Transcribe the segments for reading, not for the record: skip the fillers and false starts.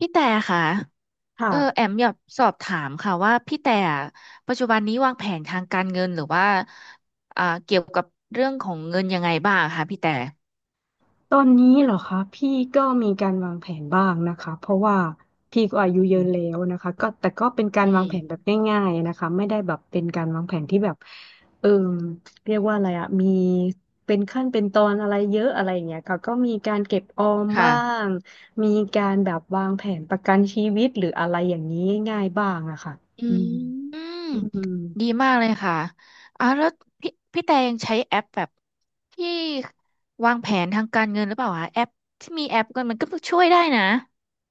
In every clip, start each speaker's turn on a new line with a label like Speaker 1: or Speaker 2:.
Speaker 1: พี่แต่ค่ะ
Speaker 2: ค่ะ
Speaker 1: แอมอยากสอบถามค่ะว่าพี่แต่ปัจจุบันนี้วางแผนทางการเงินหรือว่าเกี่ยวกับเรื่องของเงินยังไงบ้างคะพี่แต่
Speaker 2: ตอนนี้เหรอคะพี่ก็มีการวางแผนบ้างนะคะเพราะว่าพี่ก็อายุ
Speaker 1: อื
Speaker 2: เย
Speaker 1: ม
Speaker 2: อะแล้วนะคะก็แต่ก็เป็นกา
Speaker 1: อื
Speaker 2: รวาง
Speaker 1: ม
Speaker 2: แผนแบบง่ายๆนะคะไม่ได้แบบเป็นการวางแผนที่แบบเออเรียกว่าอะไรอะมีเป็นขั้นเป็นตอนอะไรเยอะอะไรอย่างเงี้ยค่ะก็มีการเก็บออมบ้า
Speaker 1: ค่ะ
Speaker 2: งมีการแบบวางแผนประกันชีวิตหรืออะไรอย่างนี้ง่ายๆบ้างอะค่ะ
Speaker 1: อื
Speaker 2: อืม
Speaker 1: มอืม
Speaker 2: อืม
Speaker 1: ดีมากเลยค่ะแล้วพี่แต่ยังใช้แอปแบบที่วางแผนทางการเงินหรือเปล่าคะแอปที่มีแอปกันมันก็ช่วยได้นะ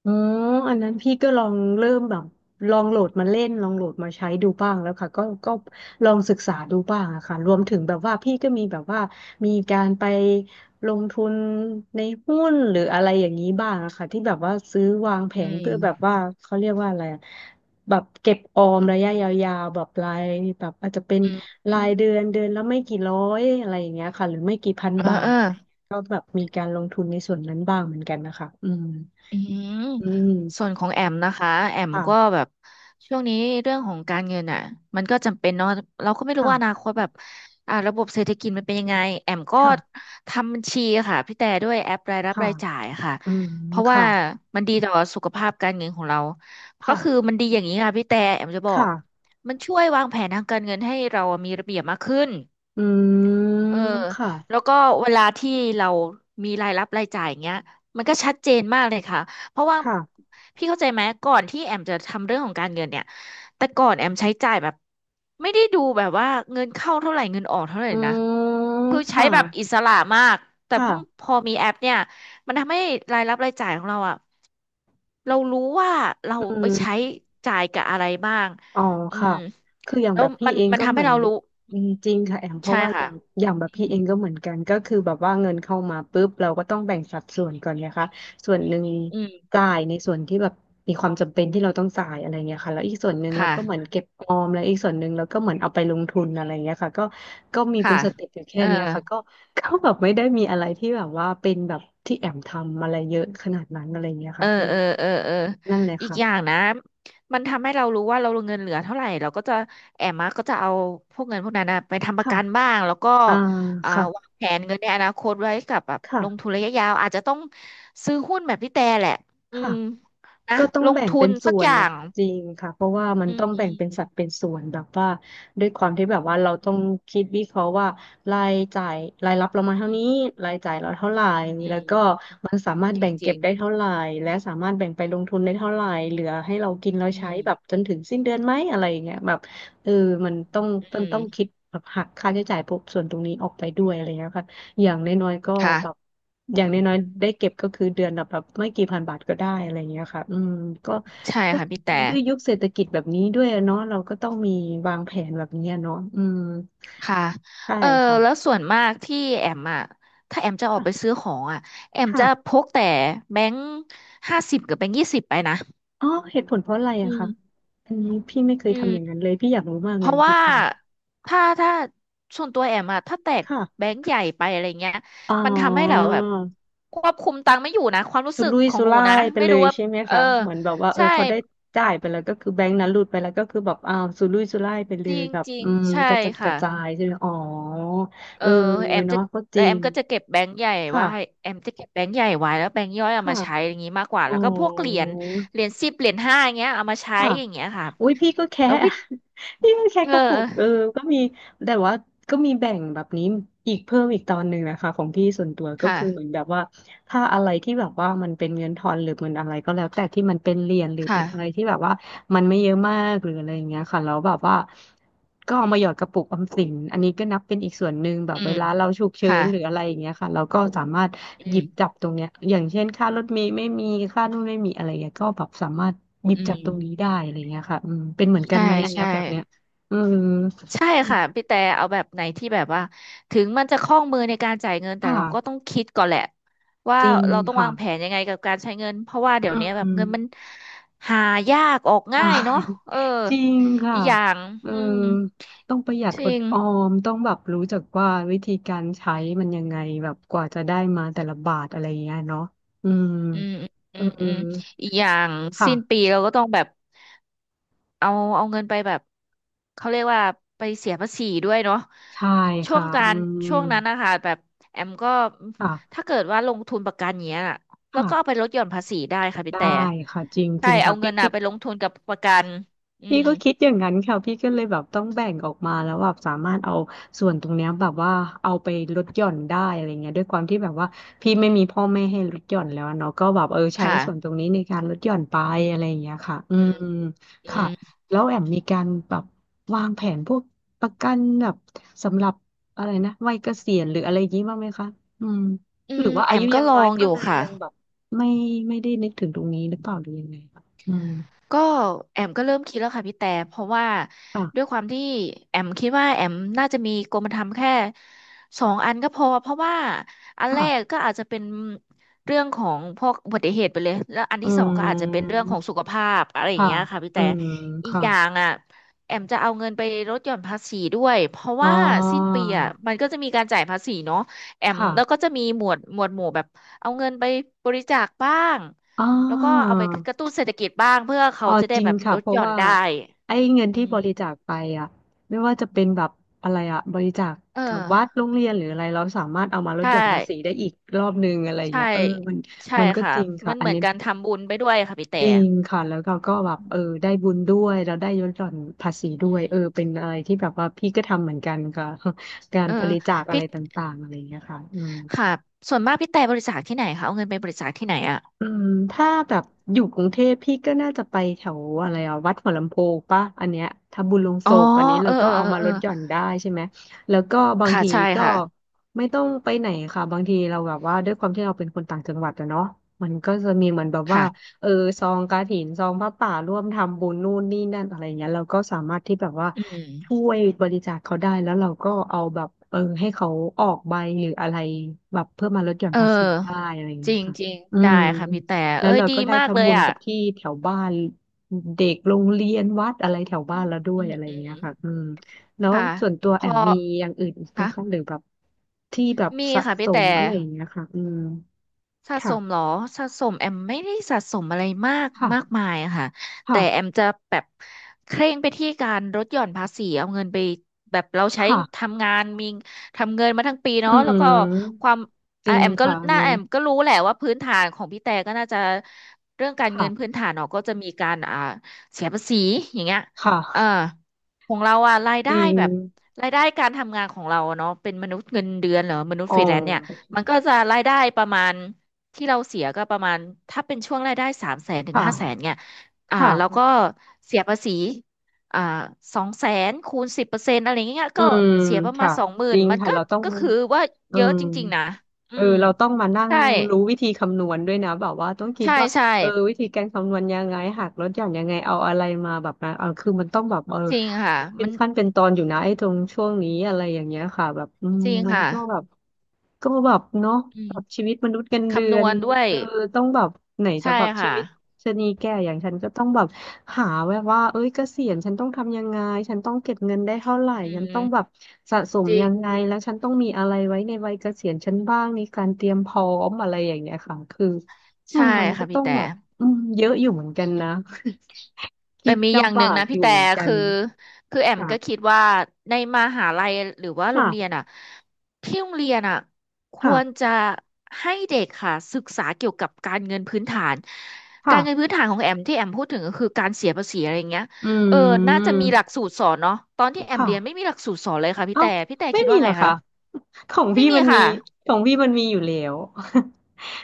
Speaker 2: อ๋ออันนั้นพี่ก็ลองเริ่มแบบลองโหลดมาเล่น ลองโหลดมาใช้ดูบ้างแล้วค่ะก็ลองศึกษาดูบ้างอะค่ะรวมถึงแบบว่าพี่ก็มีแบบว่ามีการไปลงทุนในหุ้นหรืออะไรอย่างนี้บ้างอะค่ะที่แบบว่าซื้อวางแผ
Speaker 1: อื
Speaker 2: นเพื่อแบบว่า
Speaker 1: ม
Speaker 2: เขาเรียกว่าอะไรอะแบบเก็บออมระยะยาวๆแบบรายแบบอาจจะเป็น
Speaker 1: อืมอื
Speaker 2: รา
Speaker 1: ม
Speaker 2: ยเดือนเดือนแล้วไม่กี่ร้อยอะไรอย่างเงี้ยค่ะหรือไม่กี่พัน
Speaker 1: เออ
Speaker 2: บา
Speaker 1: เอ
Speaker 2: ท
Speaker 1: อ
Speaker 2: อะไรอย่างเงี้ยก็แบบมีการลงทุนในส่วนนั้นบ้างเหมือนกันนะคะอืม
Speaker 1: อืม
Speaker 2: อื
Speaker 1: ส่
Speaker 2: ม
Speaker 1: วนของแอมนะคะแอมก็
Speaker 2: ค่ะ
Speaker 1: แบบช่วงนี้เรื่องของการเงินอ่ะมันก็จำเป็นเนาะเราก็ไม่รู้ว่าอนา
Speaker 2: ค่ะ
Speaker 1: คตแบบระบบเศรษฐกิจมันเป็นยังไงแอมก็
Speaker 2: ค่ะ
Speaker 1: ทำบัญชีค่ะพี่แต่ด้วยแอปรายรับ
Speaker 2: ค่ะ
Speaker 1: รายจ่ายค่ะ
Speaker 2: อืม
Speaker 1: เพราะว่า
Speaker 2: ค่ะ
Speaker 1: มันดีต่อสุขภาพการเงินของเราก็
Speaker 2: ค่ะ
Speaker 1: คือมันดีอย่างนี้ค่ะพี่แต่แอมจะบอ
Speaker 2: ค่ะ
Speaker 1: กมันช่วยวางแผนทางการเงินให้เรามีระเบียบมากขึ้น
Speaker 2: อืม
Speaker 1: เออ
Speaker 2: ค่ะ
Speaker 1: แล้วก็เวลาที่เรามีรายรับรายจ่ายอย่างเงี้ยมันก็ชัดเจนมากเลยค่ะเพราะว่า
Speaker 2: ค่ะ
Speaker 1: พี่เข้าใจไหมก่อนที่แอมจะทำเรื่องของการเงินเนี่ยแต่ก่อนแอมใช้จ่ายแบบไม่ได้ดูแบบว่าเงินเข้าเท่าไหร่เงินออกเท่าไหร่
Speaker 2: อื
Speaker 1: นะ
Speaker 2: ม
Speaker 1: คือใช้
Speaker 2: ค่ะ
Speaker 1: แบบอิสระมากแต่พ
Speaker 2: ค่ะ
Speaker 1: อมีแอปเนี่ยมันทำให้รายรับรายจ่ายของเราอะเรารู้ว่าเรา
Speaker 2: อื
Speaker 1: ไป
Speaker 2: ม
Speaker 1: ใช้จ่ายกับอะไรบ้าง
Speaker 2: อ๋อ
Speaker 1: อื
Speaker 2: ค่ะ
Speaker 1: ม
Speaker 2: คืออย่าง
Speaker 1: แล้
Speaker 2: แบ
Speaker 1: ว
Speaker 2: บพี่เอง
Speaker 1: มัน
Speaker 2: ก็
Speaker 1: ทำ
Speaker 2: เห
Speaker 1: ให้
Speaker 2: มือน
Speaker 1: เรารู้
Speaker 2: อืมจริงค่ะแอมเพ
Speaker 1: ใช่
Speaker 2: ราะว่าอ
Speaker 1: ค่ะ
Speaker 2: ย่างอย่างแบบ
Speaker 1: อื
Speaker 2: พี่
Speaker 1: ม
Speaker 2: เองก็เหมือนกันก็คือแบบว่าเงินเข้ามาปุ๊บเราก็ต้องแบ่งสัดส่วนก่อนไงคะส่วนหนึ่ง
Speaker 1: อืม
Speaker 2: จ่ายในส่วนที่แบบมีความจำเป็นที่เราต้องจ่ายอะไรเงี้ยค่ะแล้วอีกส่วนหนึ่ง
Speaker 1: ค
Speaker 2: เราก็เหมือน
Speaker 1: ่ะ
Speaker 2: เก็บออมแล้วอีกส่วนหนึ่งเราก็เหมือนเอาไปลงทุนอะไรเงี้ยค่ะก็ก็มีเป็
Speaker 1: ค่ะ
Speaker 2: นสเต็ปอยู่แค่
Speaker 1: เออ
Speaker 2: เนี้ยค่ะก็ก็แบบไม่ได้มีอะไรที่แบบว่าเป็นแบบที่แอมทำอะไรเยอะขนาดนั้นอะไรเงี้ย
Speaker 1: เอ
Speaker 2: ค่ะ
Speaker 1: อ
Speaker 2: อืม
Speaker 1: เออเออเออ
Speaker 2: นั่นเลย
Speaker 1: อีกอย่าง
Speaker 2: ค่ะ
Speaker 1: นะมันทำให้เรารู้ว่าเราเงินเหลือเท่าไหร่เราก็จะแอมมาก็จะเอาพวกเงินพวกนั้นนะไปทำประ
Speaker 2: ค่ะ
Speaker 1: กันบ้าง แล้วก็
Speaker 2: อ่า
Speaker 1: อ่า
Speaker 2: ค่ะ
Speaker 1: วางแผนเงินในอนาคตไว้กับแบบลงทุ
Speaker 2: ค่ะ
Speaker 1: นระยะยาวอาจจะต้องซื้อหุ้นแบบพี่แต่แหละอื
Speaker 2: ค่ะ
Speaker 1: มนะ
Speaker 2: ก็ต้อง
Speaker 1: ลง
Speaker 2: แบ่ง
Speaker 1: ทุ
Speaker 2: เป็
Speaker 1: น
Speaker 2: นส่
Speaker 1: สัก
Speaker 2: ว
Speaker 1: อ
Speaker 2: น
Speaker 1: ย่า
Speaker 2: นะ
Speaker 1: ง
Speaker 2: คะจริงค่ะเพราะว่ามัน
Speaker 1: อื
Speaker 2: ต้
Speaker 1: ม
Speaker 2: อง
Speaker 1: อื
Speaker 2: แบ่ง
Speaker 1: ม
Speaker 2: เป็นสัดเป็นส่วนแบบว่าด้วยความที่แบบว่าเราต้องคิดวิเคราะห์ว่ารายจ่ายรายรับเรามาเท่า
Speaker 1: อื
Speaker 2: นี้
Speaker 1: ม
Speaker 2: รายจ่ายเราเท่าไหร่
Speaker 1: อื
Speaker 2: แล้ว
Speaker 1: ม
Speaker 2: ก็มันสามารถ
Speaker 1: จริ
Speaker 2: แบ่
Speaker 1: ง
Speaker 2: ง
Speaker 1: จ
Speaker 2: เก็
Speaker 1: ริ
Speaker 2: บ
Speaker 1: ง
Speaker 2: ได้เท่าไหร่และสามารถแบ่งไปลงทุนได้เท่าไหร่เหลือให้เรากินเรา
Speaker 1: อื
Speaker 2: ใช้แบบ
Speaker 1: ม
Speaker 2: จนถึงสิ้นเดือนไหมอะไรอย่างเงี้ยแบบเออมันต้องมัน
Speaker 1: อืม
Speaker 2: ต้องคิดแบบหักค่าใช้จ่ายพวกส่วนตรงนี้ออกไปด้วยอะไรเงี้ยค่ะ อย่างน้อยๆก็
Speaker 1: ค่ะ
Speaker 2: แบบอย่างน้อยๆได้เก็บก็คือเดือนละแบบไม่กี่พันบาทก็ได้อะไรอย่างเงี้ยค่ะอืมก็
Speaker 1: ใช่
Speaker 2: ก็
Speaker 1: ค่ะพี่แต่
Speaker 2: ด้วยยุคเศรษฐกิจแบบนี้ด้วยเนาะเราก็ต้องมีวางแผนแบบนี้อะเนาะอืม
Speaker 1: ค่ะ
Speaker 2: ใช่
Speaker 1: เออแล้ว
Speaker 2: ค่ะ
Speaker 1: ส่วนมากที่แอมอ่ะ ถ้าแอมจะออก
Speaker 2: ค่ะ
Speaker 1: ไปซื้อของอ่ะ แอม
Speaker 2: ค่ะ
Speaker 1: จะพกแต่แบงค์50กับแบงค์20ไปนะ
Speaker 2: อ๋อเหตุผลเพราะอะไร
Speaker 1: อื
Speaker 2: อะคะ
Speaker 1: ม
Speaker 2: อันนี้พี่ไม่เคย
Speaker 1: อืม
Speaker 2: ทำอย่างนั้นเลยพี่อยากรู้มาก
Speaker 1: เพ
Speaker 2: เลย
Speaker 1: ราะ
Speaker 2: เห
Speaker 1: ว่า
Speaker 2: ตุผล
Speaker 1: ถ้าส่วนตัวแอมอะถ้าแตกแบ
Speaker 2: ค่ะ
Speaker 1: งค์ใหญ่ไปอะไรเงี้ย
Speaker 2: อ๋อ
Speaker 1: มันทำให้เราแบบควบคุมตังค์ไม่อยู่นะความรู้
Speaker 2: สุ
Speaker 1: สึก
Speaker 2: รุ่ย
Speaker 1: ของ
Speaker 2: สุ
Speaker 1: หนู
Speaker 2: ร่า
Speaker 1: นะ
Speaker 2: ยไป
Speaker 1: ไม่
Speaker 2: เล
Speaker 1: รู้
Speaker 2: ย
Speaker 1: ว่า
Speaker 2: ใช่ไหม
Speaker 1: เออ
Speaker 2: คะเหมือนแบบว่าเออ
Speaker 1: ใช่
Speaker 2: พอได้จ่ายไปแล้วก็คือแบงค์นั้นหลุดไปแล้วก็คือแบบอ้าวสุรุ่ยสุร่ายไปเล
Speaker 1: จ
Speaker 2: ย
Speaker 1: ริง
Speaker 2: แบบ
Speaker 1: จริง
Speaker 2: อืมก
Speaker 1: ใช่
Speaker 2: ระจัดก
Speaker 1: ค่ะ
Speaker 2: ระจายใช่ไหมอ๋อ
Speaker 1: เอ
Speaker 2: เอ
Speaker 1: อ
Speaker 2: อ
Speaker 1: แอมจะ
Speaker 2: เนาะก็จ
Speaker 1: แล้ว
Speaker 2: ริ
Speaker 1: แอม
Speaker 2: ง
Speaker 1: ก็จะเก็บแบงค์ใหญ่ไวา
Speaker 2: ค่ะ
Speaker 1: ให้แอมจะเก็บแบงค์ใหญ่ไว้แล้วแบงค์ย่อยเอา
Speaker 2: ค่ะ
Speaker 1: มาใช้อย่างนี้มากกว่า
Speaker 2: อ๋อ
Speaker 1: แล้วก็พวกเหรียญเหรียญสิบเหรียญห้าอย่างเงี้ยเอามาใช้
Speaker 2: ค่ะ
Speaker 1: อย่างเงี้ยค่ะ
Speaker 2: อุ้ยพี่ก็แค่
Speaker 1: แล้ววิ
Speaker 2: พี่ก็แค่
Speaker 1: เอ
Speaker 2: ก
Speaker 1: อ
Speaker 2: ระปุกเออก็มีแต่ว่าก็มีแบ่งแบบนี้อีกเพิ่มอีกตอนหนึ่งนะคะของพี่ส่วนตัวก็
Speaker 1: ค่ะ
Speaker 2: คือเหมือนแบบว่า ถ้าอะไรที่แบบว่ามันเป็นเงินทอนหรือเงินอะไรก็แล้วแต่ที่มันเป็นเหรียญหรือเป็
Speaker 1: ค่ะ
Speaker 2: นอะไรที่แบบว่ามันไม่เยอะมากหรืออะไรอย่างเงี้ยค่ะแล้วแบบว่าก็เอามาหยอดกระปุกออมสินอันนี้ก็นับเป็นอีกส่วนหนึ่งแบบ
Speaker 1: อื
Speaker 2: เว
Speaker 1: ม
Speaker 2: ลาเราฉุกเฉิ
Speaker 1: ค่ะ
Speaker 2: นหรืออะไรอย่างเงี้ยค่ะเราก็สามารถ
Speaker 1: อื
Speaker 2: หยิบ
Speaker 1: ม
Speaker 2: จับตรงเนี้ยอย่างเช่นค่ารถเมล์ไม่มีค่านู่นไม่มีอะไรเงี้ยก็แบบสามารถหยิบ
Speaker 1: อื
Speaker 2: จั
Speaker 1: ม
Speaker 2: บตรงนี้ได้อะไรเงี้ยค่ะอืมเป็นเหมือนกัน
Speaker 1: ใช่
Speaker 2: ไหมอันเนี้ย
Speaker 1: ใช่
Speaker 2: แบบเนี้ยอืม
Speaker 1: ใช่ค่ะพี่แต่เอาแบบไหนที่แบบว่าถึงมันจะคล่องมือในการจ่ายเงิน
Speaker 2: ค
Speaker 1: แต่เราก็ต้อ
Speaker 2: ่ะ
Speaker 1: งคิดก่อนแหละว่า
Speaker 2: จริง
Speaker 1: เราต้อง
Speaker 2: ค่ะ
Speaker 1: วางแผนยังไงกับการใช้เงินเพราะว่าเดี๋ย
Speaker 2: อื
Speaker 1: วนี้แบบ
Speaker 2: ม
Speaker 1: เงินมันหายากออก
Speaker 2: ใช่
Speaker 1: ง่ายเนาะเออ
Speaker 2: จริงค่ะ
Speaker 1: อีกอย่าง
Speaker 2: เออ
Speaker 1: อืม
Speaker 2: ต้องประหยัด
Speaker 1: จ
Speaker 2: อ
Speaker 1: ริ
Speaker 2: ด
Speaker 1: ง
Speaker 2: ออมต้องแบบรู้จักว่าวิธีการใช้มันยังไงแบบกว่าจะได้มาแต่ละบาทอะไรอย่างเงี้ยเนาะอืม
Speaker 1: อืมอื
Speaker 2: เออ
Speaker 1: มอืมอืมอีกอย่างสิ้นปี
Speaker 2: ค่ะ
Speaker 1: เราก็ต้องแบบ เอาเอาเงินไปแบบเขาเรียกว่าไปเสียภาษีด้วยเนาะ
Speaker 2: ใช่
Speaker 1: ช่วง
Speaker 2: ค่ะ
Speaker 1: กา
Speaker 2: อื
Speaker 1: ร
Speaker 2: ม
Speaker 1: ช่วงนั้นนะคะแบบแอมก็
Speaker 2: ค่ะ
Speaker 1: ถ้าเกิดว่าลงทุนประกันเนี้ยน่ะแล้ว
Speaker 2: ค่ะ
Speaker 1: ก็เอาไปลดหย่อนภาษีได้ค่ะพี่
Speaker 2: ได
Speaker 1: แต่
Speaker 2: ้ค่ะจริงจ
Speaker 1: ใช่
Speaker 2: ริง
Speaker 1: เอา
Speaker 2: ค่ะ
Speaker 1: เงิ
Speaker 2: ปิ๊ก
Speaker 1: นน่ะ
Speaker 2: ปิ๊ก
Speaker 1: ไปลงทุนกับประกันอื
Speaker 2: พี่
Speaker 1: ม
Speaker 2: ก็คิดอย่างนั้นค่ะพี่ก็เลยแบบต้องแบ่งออกมาแล้วแบบสามารถเอาส่วนตรงเนี้ยแบบว่าเอาไปลดหย่อนได้อะไรเงี้ยด้วยความที่แบบว่าพี่ไม่มีพ่อแม่ให้ลดหย่อนแล้วอะเนาะก็แบบเออใช้ส่วนตร
Speaker 1: ค่ะ
Speaker 2: งนี้ในการลดหย่อนไปอะไรอย่างเงี้ยค่ะอื
Speaker 1: อื
Speaker 2: ม
Speaker 1: มอื
Speaker 2: ค่ะ
Speaker 1: ม
Speaker 2: แล้วแอมมีการแบบวางแผนพวกประกันแบบสำหรับอะไรนะวัยเกษียณหรืออะไรอย่างงี้บ้างไหมคะอืม
Speaker 1: อื
Speaker 2: หรื
Speaker 1: ม
Speaker 2: อว่า
Speaker 1: แอ
Speaker 2: อา
Speaker 1: ม
Speaker 2: ยุ
Speaker 1: ก็
Speaker 2: ยัง
Speaker 1: ลอ
Speaker 2: น้อย
Speaker 1: ง
Speaker 2: ก็
Speaker 1: อยู่
Speaker 2: เลย
Speaker 1: ค่ะ
Speaker 2: ยังแบบไม่ไม่ได้นึกถึงตรงนี้หรือเปล่าหรือยังไงคะอืม
Speaker 1: ก็แอมก็เริ่มคิดแล้วค่ะพี่แต่เพราะว่า
Speaker 2: ค่ะ
Speaker 1: ด้วยความที่แอมคิดว่าแอมน่าจะมีกรมธรรม์แค่สองอันก็พอเพราะว่าอันแรก
Speaker 2: ค่ะ
Speaker 1: ก็อาจจะเป็นเรื่องของพวกอุบัติเหตุไปเลยแล้วอัน
Speaker 2: อื
Speaker 1: ที่สองก็อาจจะเป็น
Speaker 2: ม
Speaker 1: เรื่องของสุขภาพอะไรอย่าง
Speaker 2: ค่ะ
Speaker 1: เงี้ยค่ะพี่
Speaker 2: อื
Speaker 1: แต่
Speaker 2: ม
Speaker 1: อีก
Speaker 2: ค่ะ
Speaker 1: อย่างอ่ะแอมจะเอาเงินไปลดหย่อนภาษีด้วยเพราะ
Speaker 2: อ๋อ
Speaker 1: ว่าสิ้นปีอ่ะมันก็จะมีการจ่ายภาษีเนาะแอม
Speaker 2: ค่ะ
Speaker 1: แล้วก็จะมีหมวดหมู่แบบเอาเงินไปบริจาคบ้าง
Speaker 2: อ๋อ
Speaker 1: แล้วก็เอาไปกระตุ้นเศรษฐกิจบ้างเพื่อ
Speaker 2: อ๋
Speaker 1: เขา
Speaker 2: อ
Speaker 1: จะ
Speaker 2: จ
Speaker 1: ได้
Speaker 2: ริง
Speaker 1: แบบ
Speaker 2: ค่ะ
Speaker 1: ลด
Speaker 2: เพ
Speaker 1: ห
Speaker 2: ราะ
Speaker 1: ย่อน
Speaker 2: ว่า
Speaker 1: ได้
Speaker 2: ไอ้เงิน
Speaker 1: อื
Speaker 2: ที่บริจา
Speaker 1: ม
Speaker 2: คไปอ่ะไม่ว่าจะเป็นแบบอะไรอ่ะบริจาค
Speaker 1: เอ
Speaker 2: กับวัด
Speaker 1: อ
Speaker 2: โรงเรียนหรืออะไรเราสามารถเอามาลด
Speaker 1: ใช่
Speaker 2: หย่อนภาษีได้อีกรอบนึงอะไร
Speaker 1: ใช่
Speaker 2: เงี้ยเออมัน
Speaker 1: ใช่
Speaker 2: มันก็
Speaker 1: ค่ะ
Speaker 2: จริง
Speaker 1: มั
Speaker 2: ค่ะ
Speaker 1: น
Speaker 2: อั
Speaker 1: เห
Speaker 2: น
Speaker 1: มือน
Speaker 2: นี้
Speaker 1: การทำบุญไปด้วยค่ะพี่แต่
Speaker 2: จริงค่ะแล้วเราก็แบบ
Speaker 1: อื
Speaker 2: เออได้
Speaker 1: ม
Speaker 2: บุญด้วยแล้วได้ลดหย่อนภาษีด้
Speaker 1: อื
Speaker 2: วย
Speaker 1: ม
Speaker 2: เออเป็นอะไรที่แบบว่าพี่ก็ทำเหมือนกันค่ะ การ
Speaker 1: เออ
Speaker 2: บริจาคอะ
Speaker 1: พี่
Speaker 2: ไรต่างๆอะไรเงี้ยค่ะอืม
Speaker 1: ค่ะส่วนมากพี่แต่บริจาคที่ไหนคะเอาเงินไปบริจาคที่ไหนอะ
Speaker 2: อืมถ้าแบบอยู่กรุงเทพพี่ก็น่าจะไปแถวอะไรอ่ะวัดหัวลำโพงปะอันเนี้ยถ้าบุญลงโศ
Speaker 1: อ๋อ
Speaker 2: กอันนี้เรา
Speaker 1: เออ
Speaker 2: ก็
Speaker 1: เออ
Speaker 2: เอา
Speaker 1: เออ
Speaker 2: มา
Speaker 1: เอ
Speaker 2: ล
Speaker 1: อ
Speaker 2: ดหย่อนได้ใช่ไหมแล้วก็บาง
Speaker 1: ค่ะ
Speaker 2: ที
Speaker 1: ใช่
Speaker 2: ก็
Speaker 1: ค่ะ
Speaker 2: ไม่ต้องไปไหนค่ะบางทีเราแบบว่าด้วยความที่เราเป็นคนต่างจังหวัดอะเนาะมันก็จะมีเหมือนแบบว่า
Speaker 1: ค่ะ
Speaker 2: เออซองกฐินซองผ้าป่าร่วมทำบุญนู่นนี่นั่นอะไรเงี้ยเราก็สามารถที่แบบว่า
Speaker 1: อืม
Speaker 2: ช่วยบริจาคเขาได้แล้วเราก็เอาแบบเออให้เขาออกใบหรืออะไรแบบเพื่อมาลดหย่อน
Speaker 1: เออ
Speaker 2: ภาษีได้อะไร
Speaker 1: จ
Speaker 2: เงี้ย
Speaker 1: ริง
Speaker 2: ค่ะ
Speaker 1: จริง
Speaker 2: อื
Speaker 1: ได้
Speaker 2: ม
Speaker 1: ค่ะพี่แต่
Speaker 2: แล้ว
Speaker 1: เอ้ย
Speaker 2: เรา
Speaker 1: ดี
Speaker 2: ก็ได้
Speaker 1: มากเล
Speaker 2: ทำบุ
Speaker 1: ย
Speaker 2: ญ
Speaker 1: อ่ะ
Speaker 2: กับที่แถวบ้านเด็กโรงเรียนวัดอะไรแถวบ้านเราด้ว
Speaker 1: อื
Speaker 2: ย
Speaker 1: ม
Speaker 2: อะไร
Speaker 1: อืม
Speaker 2: เงี้ย
Speaker 1: อืม
Speaker 2: ค่ะอืมแล้ว
Speaker 1: ค่ะ
Speaker 2: ส่วนตัว
Speaker 1: พ
Speaker 2: แอ
Speaker 1: อ
Speaker 2: มมีอย่างอื่นอีกไหมคะหรื
Speaker 1: ค่ะ
Speaker 2: อแบบที่แบบ
Speaker 1: มี
Speaker 2: สะ
Speaker 1: ค่ะ
Speaker 2: ส
Speaker 1: พี่แต่
Speaker 2: มอะไรอย่างเงี้ยค่ะอืม
Speaker 1: สะสมเหร
Speaker 2: ค่ะ
Speaker 1: อสะสมแอมไม่ได้สะสมอะไรมากมาก
Speaker 2: ค่ะ
Speaker 1: มายอะค่ะแต่แอม
Speaker 2: ค่ะ
Speaker 1: จะแบบเคร่งไปที่การลดหย่อนภาษีเอาเงินไปแบบเราใช้
Speaker 2: ค่ะ
Speaker 1: ทำงานมีทำเงินมาทั้งปี
Speaker 2: อื
Speaker 1: เนาะแล้วก็
Speaker 2: ม
Speaker 1: ความ
Speaker 2: จริง
Speaker 1: แอมก็
Speaker 2: ค่ะอั
Speaker 1: ห
Speaker 2: น
Speaker 1: น้าแอ
Speaker 2: นี้
Speaker 1: มก็รู้แหละว่าพื้นฐานของพี่แต่ก็น่าจะเรื่องการเงิ
Speaker 2: ค่ะ
Speaker 1: นพื้นฐานเนาะก็จะมีการเสียภาษีอย่างเงี้ย
Speaker 2: ค
Speaker 1: เออ
Speaker 2: ่ะ
Speaker 1: ของเราอะราย
Speaker 2: จ
Speaker 1: ได้
Speaker 2: ริง
Speaker 1: แบบรายได้การทำงานของเราอะเนาะเป็นมนุษย์เงินเดือนเหรอมนุษ
Speaker 2: อ๋
Speaker 1: ย์
Speaker 2: อ
Speaker 1: ฟรีแลนซ์เนี่ยมันก็จะรายได้ประมาณ ที่เราเสียก็ประมาณถ้าเป็นช่วงรายได้300,000ถึ
Speaker 2: ค
Speaker 1: ง500,000
Speaker 2: ่ะ
Speaker 1: เนี่ย
Speaker 2: ค่ะ
Speaker 1: แล้วก็เสียภาษีอ่า200,000คูณ10%อะไรเงี้ย
Speaker 2: อื
Speaker 1: ก็
Speaker 2: ม
Speaker 1: เสียประมา
Speaker 2: ค่ะ
Speaker 1: ณสองหมื่
Speaker 2: จ
Speaker 1: น
Speaker 2: ริง
Speaker 1: มัน
Speaker 2: ค่ะ
Speaker 1: ก็
Speaker 2: เราต้อง
Speaker 1: ก็คือว่า
Speaker 2: อื
Speaker 1: เยอะ
Speaker 2: ม
Speaker 1: จริงๆนะอื
Speaker 2: เออ
Speaker 1: ม
Speaker 2: เราต้องมานั่ง
Speaker 1: ใช่
Speaker 2: รู้วิธีคำนวณด้วยนะแบบว่าต้องคิด
Speaker 1: ใช่
Speaker 2: ว่า
Speaker 1: ใช่
Speaker 2: เออวิธีการคำนวณยังไงหักลดหย่อนยังไงเอาอะไรมาแบบนั้นเออคือมันต้องแบบเออ
Speaker 1: จริงค่ะ
Speaker 2: คิดเป็
Speaker 1: มั
Speaker 2: น
Speaker 1: น
Speaker 2: ขั้นเป็นตอนอยู่นะไอ้ตรงช่วงนี้อะไรอย่างเงี้ยค่ะแบบอืม
Speaker 1: จริง
Speaker 2: มัน
Speaker 1: ค่ะ
Speaker 2: ก็แบบ ก็แบบเนาะ
Speaker 1: อื
Speaker 2: แบ
Speaker 1: ม
Speaker 2: บชีวิตมนุษย์เงินเดื
Speaker 1: คำน
Speaker 2: อ
Speaker 1: ว
Speaker 2: น
Speaker 1: ณด้วย
Speaker 2: เออต้องแบบไหนจะ
Speaker 1: ใช่
Speaker 2: แบบชี
Speaker 1: ค่ะ
Speaker 2: วิตชะนีแก่อย่างฉันก็ต้องแบบหาแวบว่าเอ้ยเกษียณฉันต้องทำยังไงฉันต้องเก็บเงินได้เท่าไหร่
Speaker 1: อื
Speaker 2: ฉันต้องแบบ
Speaker 1: ม
Speaker 2: สะสม
Speaker 1: จริ
Speaker 2: ยั
Speaker 1: ง
Speaker 2: งไงแล้วฉันต้องมีอะไรไว้ในวัยเกษียณฉันบ้างมีการเตรียมพร้อมอะไรอย่างเงี้ยค่ะคืออื
Speaker 1: ใช่
Speaker 2: มมันก็
Speaker 1: ค่ะพี่
Speaker 2: ต้อง
Speaker 1: แต่
Speaker 2: แบบอืมเยอะอยู่เหมือนกันนะ
Speaker 1: แต่
Speaker 2: คิด
Speaker 1: มีอย่าง
Speaker 2: ลำ
Speaker 1: หนึ่ง
Speaker 2: บาก
Speaker 1: นะ
Speaker 2: อ
Speaker 1: พี่
Speaker 2: ยู่
Speaker 1: แต่
Speaker 2: เหมือนกัน
Speaker 1: คือคือแอมก็คิ
Speaker 2: ค่ะ
Speaker 1: ดว่าในมหาลัยหรือว่าโรงเรียน
Speaker 2: ค่ะ
Speaker 1: อ่ะที่โรงเรียนอ่ะควร
Speaker 2: ค่ะ
Speaker 1: จะให้เด็กค่ะศึกษาเกี่ยวกับการเงินพื้นฐานกา
Speaker 2: ค่ะ
Speaker 1: รเงินพื้นฐานของแอมที่แอมพูดถึงก็คือการเสียภาษีอะไรอย่างเงี้ย
Speaker 2: อื
Speaker 1: เออน่าจะมีหลัก
Speaker 2: ม
Speaker 1: สูตรสอนเนาะตอนที่แอมเรียนไม่
Speaker 2: ค่ะ
Speaker 1: มีหลักสูตรสอนเลยค่ะพี่
Speaker 2: เอ้า
Speaker 1: แต่พี่แต่
Speaker 2: ไม่
Speaker 1: คิด
Speaker 2: มี
Speaker 1: ว่า
Speaker 2: เหร
Speaker 1: ไง
Speaker 2: อคะ
Speaker 1: คะ
Speaker 2: ของ
Speaker 1: ไม่
Speaker 2: พี่
Speaker 1: มี
Speaker 2: มันมี
Speaker 1: ค่ะ
Speaker 2: ของพี่มันมีอยู่แล้ว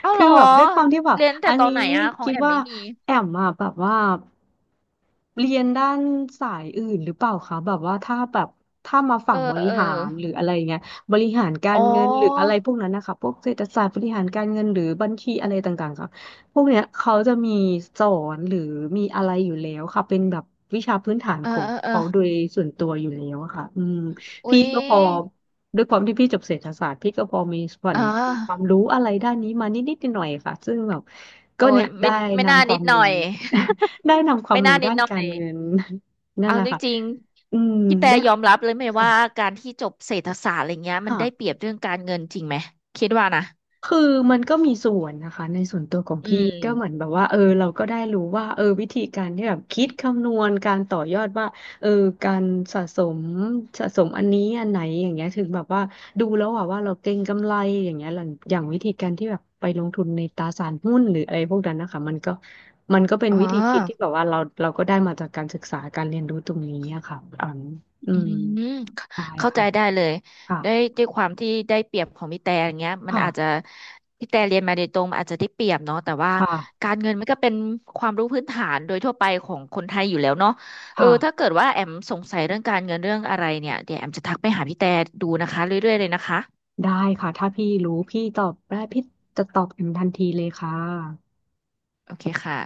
Speaker 1: เอ้า เห
Speaker 2: คื
Speaker 1: ร
Speaker 2: อ
Speaker 1: อ
Speaker 2: แบบด้วยความที่แบบ
Speaker 1: เรียนแต่
Speaker 2: อัน
Speaker 1: ตอน
Speaker 2: นี้
Speaker 1: ไหนอะของ
Speaker 2: คิด
Speaker 1: แอม
Speaker 2: ว่า
Speaker 1: ไม่มี
Speaker 2: แอมอะแบบว่าเรียนด้านสายอื่นหรือเปล่าคะแบบว่าถ้าแบบถ้ามา
Speaker 1: เอ
Speaker 2: ฝั่
Speaker 1: อ
Speaker 2: งบริ
Speaker 1: เออ
Speaker 2: หารหรืออะไรเงี้ยบริหารกา
Speaker 1: อ๋
Speaker 2: รเงินหรืออะไร
Speaker 1: อ
Speaker 2: พวกนั้นนะคะพวกเศรษฐศาสตร์บริหารการเงินหรือบัญชีอะไรต่างๆค่ะพวกเนี้ยเขาจะมีสอนหรือมีอะไรอยู่แล้วค่ะเป็นแบบวิชาพื้นฐาน
Speaker 1: เออ
Speaker 2: ของ
Speaker 1: เออเออ
Speaker 2: เขาโดยส่วนตัวอยู่แล้วอะค่ะอืม
Speaker 1: อุ๊
Speaker 2: พี่
Speaker 1: ย
Speaker 2: ก็พอด้วยความที่พี่จบเศรษฐศาสตร์พี่ก็พอมีส่วน
Speaker 1: อ่
Speaker 2: มีความ
Speaker 1: า
Speaker 2: รู้อะไรด้านนี้มานิดหน่อยๆค่ะซึ่งแบบก็
Speaker 1: โอ้
Speaker 2: เนี่
Speaker 1: ย
Speaker 2: ย
Speaker 1: ไม่
Speaker 2: ได้
Speaker 1: ไม่น่า
Speaker 2: นำค
Speaker 1: นิ
Speaker 2: วา
Speaker 1: ด
Speaker 2: ม
Speaker 1: หน่อ
Speaker 2: รู้
Speaker 1: ย
Speaker 2: ได้นำค วาม
Speaker 1: ไม่
Speaker 2: รู้
Speaker 1: น่า นิ
Speaker 2: ด้า
Speaker 1: ด
Speaker 2: น
Speaker 1: หน่อ
Speaker 2: การ
Speaker 1: ย
Speaker 2: เงิน นั่น
Speaker 1: เอา
Speaker 2: แหละ
Speaker 1: จ
Speaker 2: ค่ะ
Speaker 1: ริง
Speaker 2: อืม
Speaker 1: ๆพี่แต่
Speaker 2: ได้
Speaker 1: ยอมรับ เลยไหม
Speaker 2: ค่ะ
Speaker 1: ว่า การ ที่ จบเศรษฐศาสตร์อะไรเงี้ยมัน
Speaker 2: ค่ะ
Speaker 1: ได้เปรียบ เรื่อง การ เงิน จริงไหม คิดว่านะ
Speaker 2: คือมันก็มีส่วนนะคะในส่วนตัวของ
Speaker 1: อื
Speaker 2: พี่
Speaker 1: ม
Speaker 2: ก็เหมือนแบบว่าเออเราก็ได้รู้ว่าเออวิธีการที่แบบคิดคำนวณการต่อยอดว่าเออการสะสมสะสมอันนี้อันไหนอย่างเงี้ยถึงแบบว่าดูแล้วอะว่าเราเก็งกำไรอย่างเงี้ยหลังอย่างวิธีการที่แบบไปลงทุนในตราสารหุ้นหรืออะไรพวกนั้นนะคะมันก็เป็น
Speaker 1: อ๋อ
Speaker 2: วิธีคิดที่แบบว่าเราก็ได้มาจากการศึกษาการเรียนรู้ตรงนี้อะค่ะอืมอื
Speaker 1: อื
Speaker 2: ม
Speaker 1: มเข้า
Speaker 2: ใช่
Speaker 1: เข้าใจ
Speaker 2: ค่ะ
Speaker 1: ได้เลย
Speaker 2: ค่ะ
Speaker 1: ได้ด้วยความที่ได้เปรียบของพี่แต่อย่างเงี้ยมันอาจจะ
Speaker 2: ค่ะ
Speaker 1: พี่แต่เรียนมาโดยตรงมันอาจจะได้เปรียบเนาะแต่ว่า
Speaker 2: ค่ะ
Speaker 1: การเงินมันก็เป็นความรู้พื้นฐานโดยทั่วไปของคนไทยอยู่แล้วเนาะเออ
Speaker 2: ค่ะ
Speaker 1: ถ้าเกิดว่าแอมสงสัยเรื่องการเงินเรื่องอะไรเนี่ยเดี๋ยวแอมจะทักไปหาพี่แต่ดูนะคะเรื่อยๆเลยนะคะ
Speaker 2: ได้ค่ะถ้าพี่รู้พี่ตอบได้พี่จะตอบอย่างทันทีเลยค่ะ
Speaker 1: โอเคค่ะ